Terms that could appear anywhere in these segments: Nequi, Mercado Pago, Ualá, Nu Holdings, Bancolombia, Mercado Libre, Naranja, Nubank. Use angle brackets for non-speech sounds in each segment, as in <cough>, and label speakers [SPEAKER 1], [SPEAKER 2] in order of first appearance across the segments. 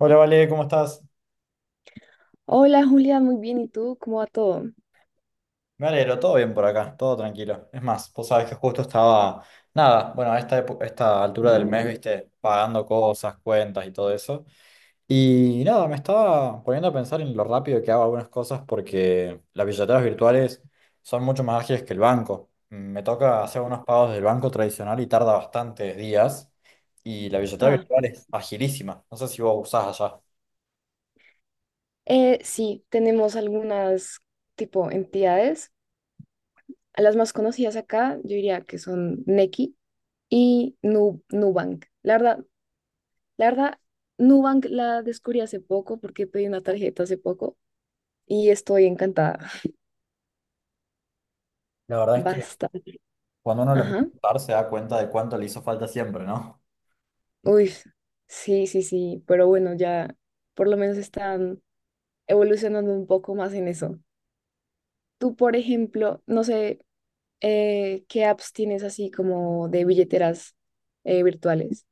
[SPEAKER 1] Hola, Vale, ¿cómo estás?
[SPEAKER 2] Hola Julia, muy bien. ¿Y tú? ¿Cómo va todo?
[SPEAKER 1] Me alegro, todo bien por acá, todo tranquilo. Es más, vos sabés que justo estaba, nada, bueno, a esta altura del mes, viste, pagando cosas, cuentas y todo eso. Y nada, me estaba poniendo a pensar en lo rápido que hago algunas cosas porque las billeteras virtuales son mucho más ágiles que el banco. Me toca hacer unos pagos del banco tradicional y tarda bastantes días. Y la billetera
[SPEAKER 2] Ah,
[SPEAKER 1] virtual es agilísima. No sé si vos usás allá.
[SPEAKER 2] sí, tenemos algunas tipo entidades. A Las más conocidas acá, yo diría que son Nequi y Nubank. La verdad, Nubank la descubrí hace poco porque pedí una tarjeta hace poco y estoy encantada. <laughs>
[SPEAKER 1] La verdad es que
[SPEAKER 2] Basta.
[SPEAKER 1] cuando uno la
[SPEAKER 2] Ajá.
[SPEAKER 1] empieza a usar se da cuenta de cuánto le hizo falta siempre, ¿no?
[SPEAKER 2] Uy, sí, sí, sí. Pero bueno, ya por lo menos están evolucionando un poco más en eso. Tú, por ejemplo, no sé. ¿Qué apps tienes así como de billeteras virtuales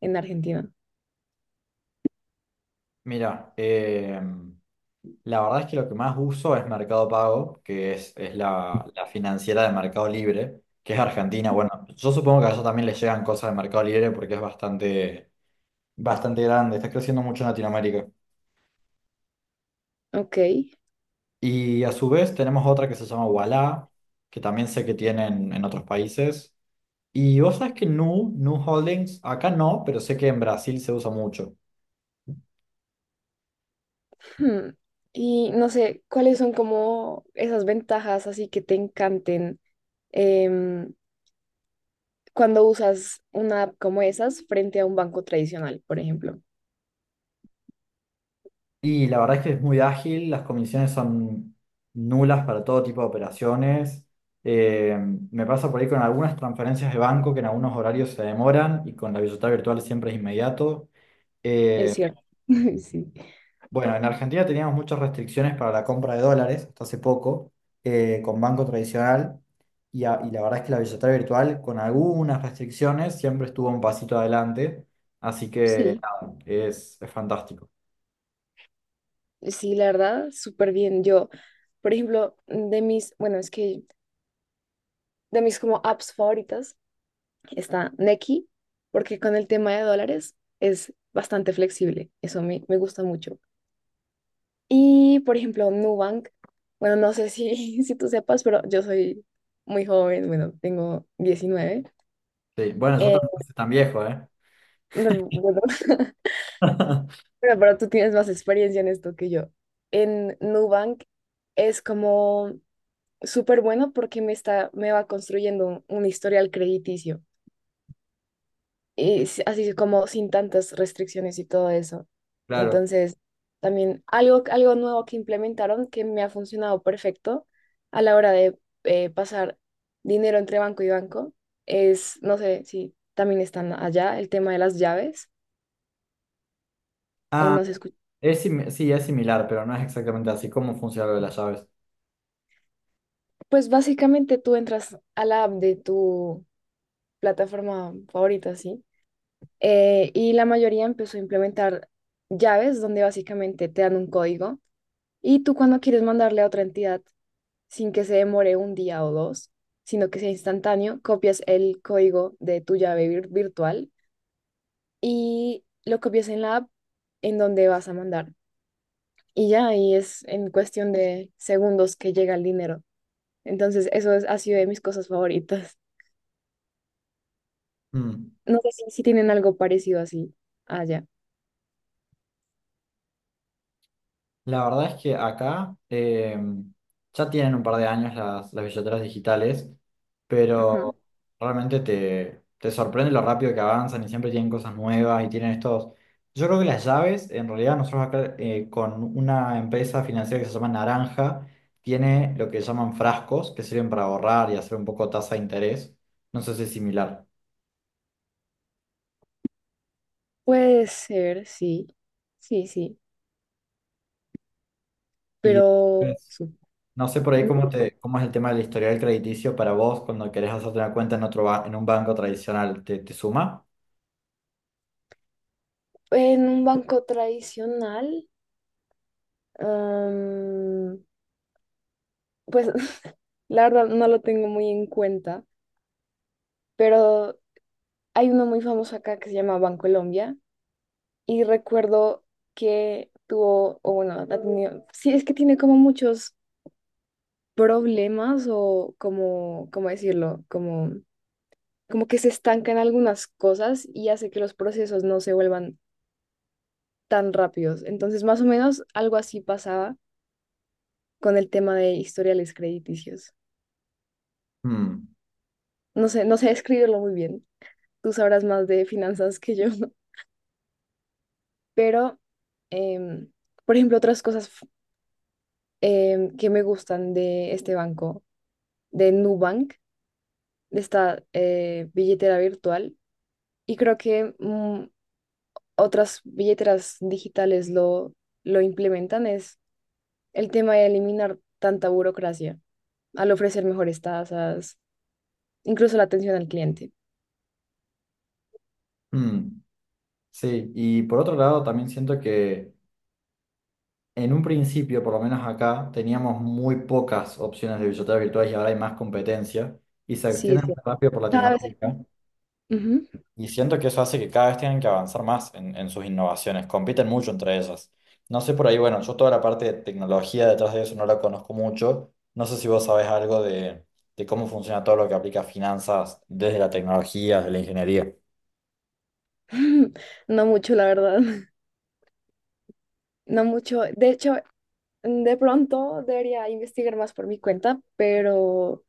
[SPEAKER 2] en Argentina?
[SPEAKER 1] Mira, la verdad es que lo que más uso es Mercado Pago, que es la, la financiera de Mercado Libre, que es argentina. Bueno, yo supongo que a eso también le llegan cosas de Mercado Libre porque es bastante, bastante grande, está creciendo mucho en Latinoamérica.
[SPEAKER 2] Ok.
[SPEAKER 1] Y a su vez tenemos otra que se llama Ualá, que también sé que tienen en otros países. Y vos sabés que Nu Holdings, acá no, pero sé que en Brasil se usa mucho.
[SPEAKER 2] Hmm. Y no sé, ¿cuáles son como esas ventajas así que te encanten em, cuando usas una app como esas frente a un banco tradicional, por ejemplo?
[SPEAKER 1] Y la verdad es que es muy ágil, las comisiones son nulas para todo tipo de operaciones. Eh, Me pasa por ahí con algunas transferencias de banco que en algunos horarios se demoran y con la billetera virtual siempre es inmediato.
[SPEAKER 2] Es
[SPEAKER 1] Eh,
[SPEAKER 2] cierto. <laughs> Sí.
[SPEAKER 1] bueno, en Argentina teníamos muchas restricciones para la compra de dólares hasta hace poco con banco tradicional y la verdad es que la billetera virtual con algunas restricciones siempre estuvo un pasito adelante. Así que
[SPEAKER 2] Sí,
[SPEAKER 1] nada, es fantástico.
[SPEAKER 2] sí, la verdad, súper bien. Yo, por ejemplo, es que de mis como apps favoritas está Nequi, porque con el tema de dólares es bastante flexible. Eso me gusta mucho. Y, por ejemplo, Nubank, bueno, no sé si, <laughs> si tú sepas, pero yo soy muy joven, bueno, tengo 19.
[SPEAKER 1] Sí, bueno, yo
[SPEAKER 2] Eh,
[SPEAKER 1] tampoco soy tan viejo, ¿eh?
[SPEAKER 2] no, bueno, <laughs>
[SPEAKER 1] <laughs>
[SPEAKER 2] pero tú tienes más experiencia en esto que yo. En Nubank es como súper bueno porque me va construyendo un historial crediticio, y así como sin tantas restricciones y todo eso.
[SPEAKER 1] Claro.
[SPEAKER 2] Entonces, también algo nuevo que implementaron que me ha funcionado perfecto a la hora de pasar dinero entre banco y banco es, no sé si también están allá, el tema de las llaves o
[SPEAKER 1] Ah,
[SPEAKER 2] no se escucha.
[SPEAKER 1] sí, es similar, pero no es exactamente así como funciona lo de las llaves.
[SPEAKER 2] Pues básicamente tú entras a la app de tu plataforma favorita, ¿sí? Y la mayoría empezó a implementar llaves donde básicamente te dan un código y tú cuando quieres mandarle a otra entidad sin que se demore un día o dos, sino que sea instantáneo, copias el código de tu llave virtual y lo copias en la app en donde vas a mandar. Y ya ahí es en cuestión de segundos que llega el dinero. Entonces, ha sido de mis cosas favoritas. <laughs>
[SPEAKER 1] Mm.
[SPEAKER 2] No sé si, si tienen algo parecido así allá.
[SPEAKER 1] La verdad es que acá ya tienen un par de años las billeteras digitales,
[SPEAKER 2] Ajá.
[SPEAKER 1] pero realmente te sorprende lo rápido que avanzan y siempre tienen cosas nuevas y tienen estos... Yo creo que las llaves, en realidad nosotros acá con una empresa financiera que se llama Naranja, tiene lo que llaman frascos, que sirven para ahorrar y hacer un poco tasa de interés. No sé si es similar.
[SPEAKER 2] Puede ser, sí. Sí, sí.
[SPEAKER 1] Y
[SPEAKER 2] pero Sí.
[SPEAKER 1] No sé por ahí cómo es el tema del historial crediticio para vos cuando querés hacerte una cuenta en otro en un banco tradicional, te suma?
[SPEAKER 2] En un banco tradicional, am, pues <laughs> la verdad no lo tengo muy en cuenta, pero hay uno muy famoso acá que se llama Bancolombia y recuerdo que tuvo, o bueno, ha tenido, sí, es que tiene como muchos problemas o como, ¿cómo decirlo? Como, como que se estancan algunas cosas y hace que los procesos no se vuelvan tan rápidos. Entonces, más o menos algo así pasaba con el tema de historiales crediticios.
[SPEAKER 1] Mm,
[SPEAKER 2] No sé, no sé escribirlo muy bien. Tú sabrás más de finanzas que yo, <laughs> pero, em, por ejemplo, otras cosas que me gustan de este banco, de Nubank, de esta billetera virtual, y creo que mm, otras billeteras digitales lo implementan, es el tema de eliminar tanta burocracia al ofrecer mejores tasas incluso la atención al cliente.
[SPEAKER 1] mm, sí, y por otro lado también siento que en un principio, por lo menos acá, teníamos muy pocas opciones de billeteras virtuales y ahora hay más competencia y se
[SPEAKER 2] Sí, es
[SPEAKER 1] extienden muy
[SPEAKER 2] cierto.
[SPEAKER 1] rápido por
[SPEAKER 2] Cada vez
[SPEAKER 1] Latinoamérica.
[SPEAKER 2] Ujú.
[SPEAKER 1] Y siento que eso hace que cada vez tengan que avanzar más en sus innovaciones, compiten mucho entre ellas. No sé por ahí, bueno, yo toda la parte de tecnología detrás de eso no la conozco mucho. No sé si vos sabés algo de cómo funciona todo lo que aplica a finanzas desde la tecnología, desde la ingeniería.
[SPEAKER 2] <laughs> No mucho, la verdad. <laughs> No mucho. De hecho, de pronto debería investigar más por mi cuenta, pero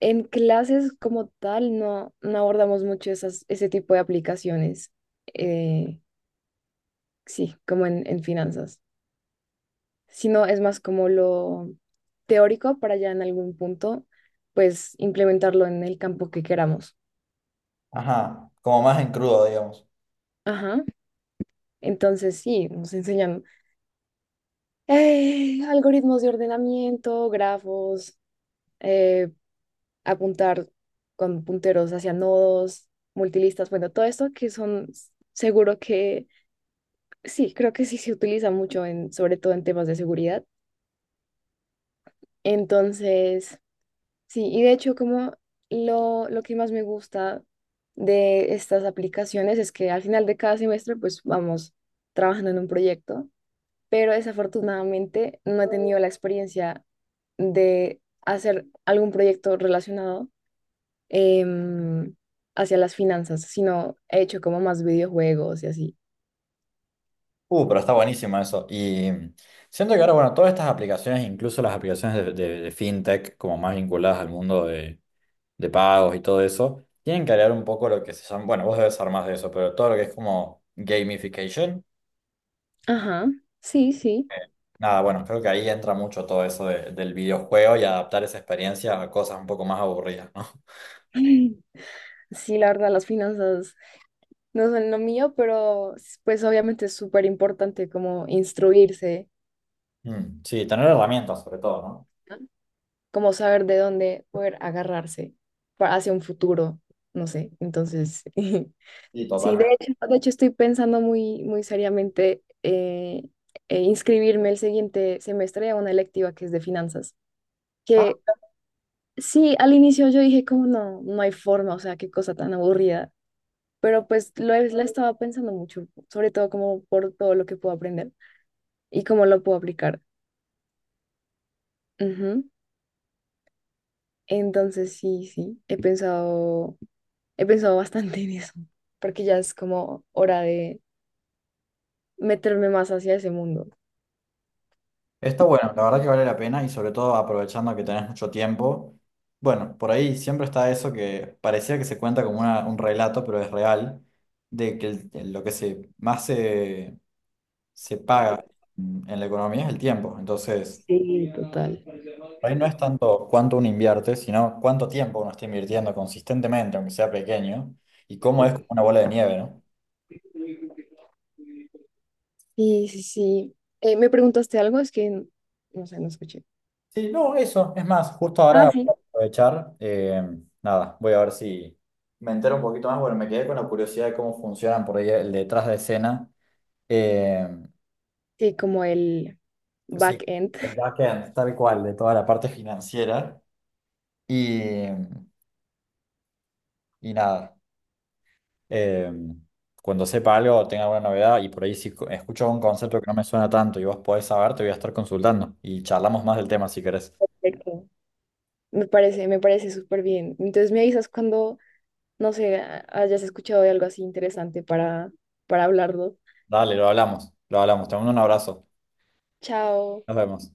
[SPEAKER 2] en clases como tal no, no abordamos mucho ese tipo de aplicaciones. Eh, sí, como en finanzas, sino es más como lo teórico para ya en algún punto, pues implementarlo en el campo que queramos.
[SPEAKER 1] Ajá, como más en crudo, digamos.
[SPEAKER 2] Ajá. Entonces sí, nos enseñan algoritmos de ordenamiento, grafos, eh, apuntar con punteros hacia nodos, multilistas, bueno, todo esto que son seguro que sí, creo que sí se utiliza mucho en, sobre todo en temas de seguridad. Entonces, sí, y de hecho como lo que más me gusta de estas aplicaciones es que al final de cada semestre pues vamos trabajando en un proyecto, pero desafortunadamente no he tenido la experiencia de hacer algún proyecto relacionado em, hacia las finanzas, sino he hecho como más videojuegos y así.
[SPEAKER 1] Pero está buenísimo eso. Y siento que ahora, bueno, todas estas aplicaciones, incluso las aplicaciones de fintech, como más vinculadas al mundo de pagos y todo eso, tienen que crear un poco lo que se llama, bueno, vos debes saber más de eso, pero todo lo que es como gamification.
[SPEAKER 2] Ajá, sí, sí.
[SPEAKER 1] eh,
[SPEAKER 2] <clears throat>
[SPEAKER 1] Nada, bueno, creo que ahí entra mucho todo eso del videojuego y adaptar esa experiencia a cosas un poco más aburridas, ¿no?
[SPEAKER 2] <laughs> Sí, la verdad, las finanzas no son lo mío, pero pues obviamente es súper importante como instruirse
[SPEAKER 1] Mm, sí, tener herramientas sobre todo, ¿no?
[SPEAKER 2] como saber de dónde poder agarrarse hacia un futuro, no sé. Entonces, <laughs>
[SPEAKER 1] Sí,
[SPEAKER 2] sí,
[SPEAKER 1] totalmente.
[SPEAKER 2] de hecho estoy pensando muy seriamente inscribirme el siguiente semestre a una electiva que es de finanzas, que
[SPEAKER 1] Ah,
[SPEAKER 2] sí, al inicio yo dije como no, no hay forma, o sea, qué cosa tan aburrida. Pero pues la estaba pensando mucho, sobre todo como por todo lo que puedo aprender y cómo lo puedo aplicar. Ujú. Entonces sí, sí, He pensado bastante en eso, porque ya es como hora de meterme más hacia ese mundo.
[SPEAKER 1] está bueno, la verdad que vale la pena y sobre todo aprovechando que tenés mucho tiempo. Bueno, por ahí siempre está eso que parecía que se cuenta como un relato, pero es real, de que lo que se más se se paga en la economía es el tiempo. Entonces,
[SPEAKER 2] Sí, total.
[SPEAKER 1] por ahí no es tanto cuánto uno invierte, sino cuánto tiempo uno está invirtiendo consistentemente, aunque sea pequeño, y cómo es como una bola de nieve, ¿no?
[SPEAKER 2] Sí, sí, sí. ¿Me preguntaste algo? Es que, no sé, no escuché.
[SPEAKER 1] Sí, no, eso. Es más, justo
[SPEAKER 2] Ah,
[SPEAKER 1] ahora voy
[SPEAKER 2] sí.
[SPEAKER 1] a aprovechar. Nada, voy a ver si me entero un poquito más. Bueno, me quedé con la curiosidad de cómo funcionan por ahí el detrás de escena. eh,
[SPEAKER 2] Sí, como el
[SPEAKER 1] sí,
[SPEAKER 2] back-end.
[SPEAKER 1] el backend, tal cual, de toda la parte financiera. Y, y nada. eh, Cuando sepa algo o tenga alguna novedad y por ahí si escucho un concepto que no me suena tanto y vos podés saber, te voy a estar consultando y charlamos más del tema si querés.
[SPEAKER 2] Perfecto. Me parece súper bien. Entonces me avisas cuando, no sé, hayas escuchado de algo así interesante para hablarlo.
[SPEAKER 1] Dale, lo hablamos, lo hablamos. Te mando un abrazo.
[SPEAKER 2] Chao.
[SPEAKER 1] Nos vemos.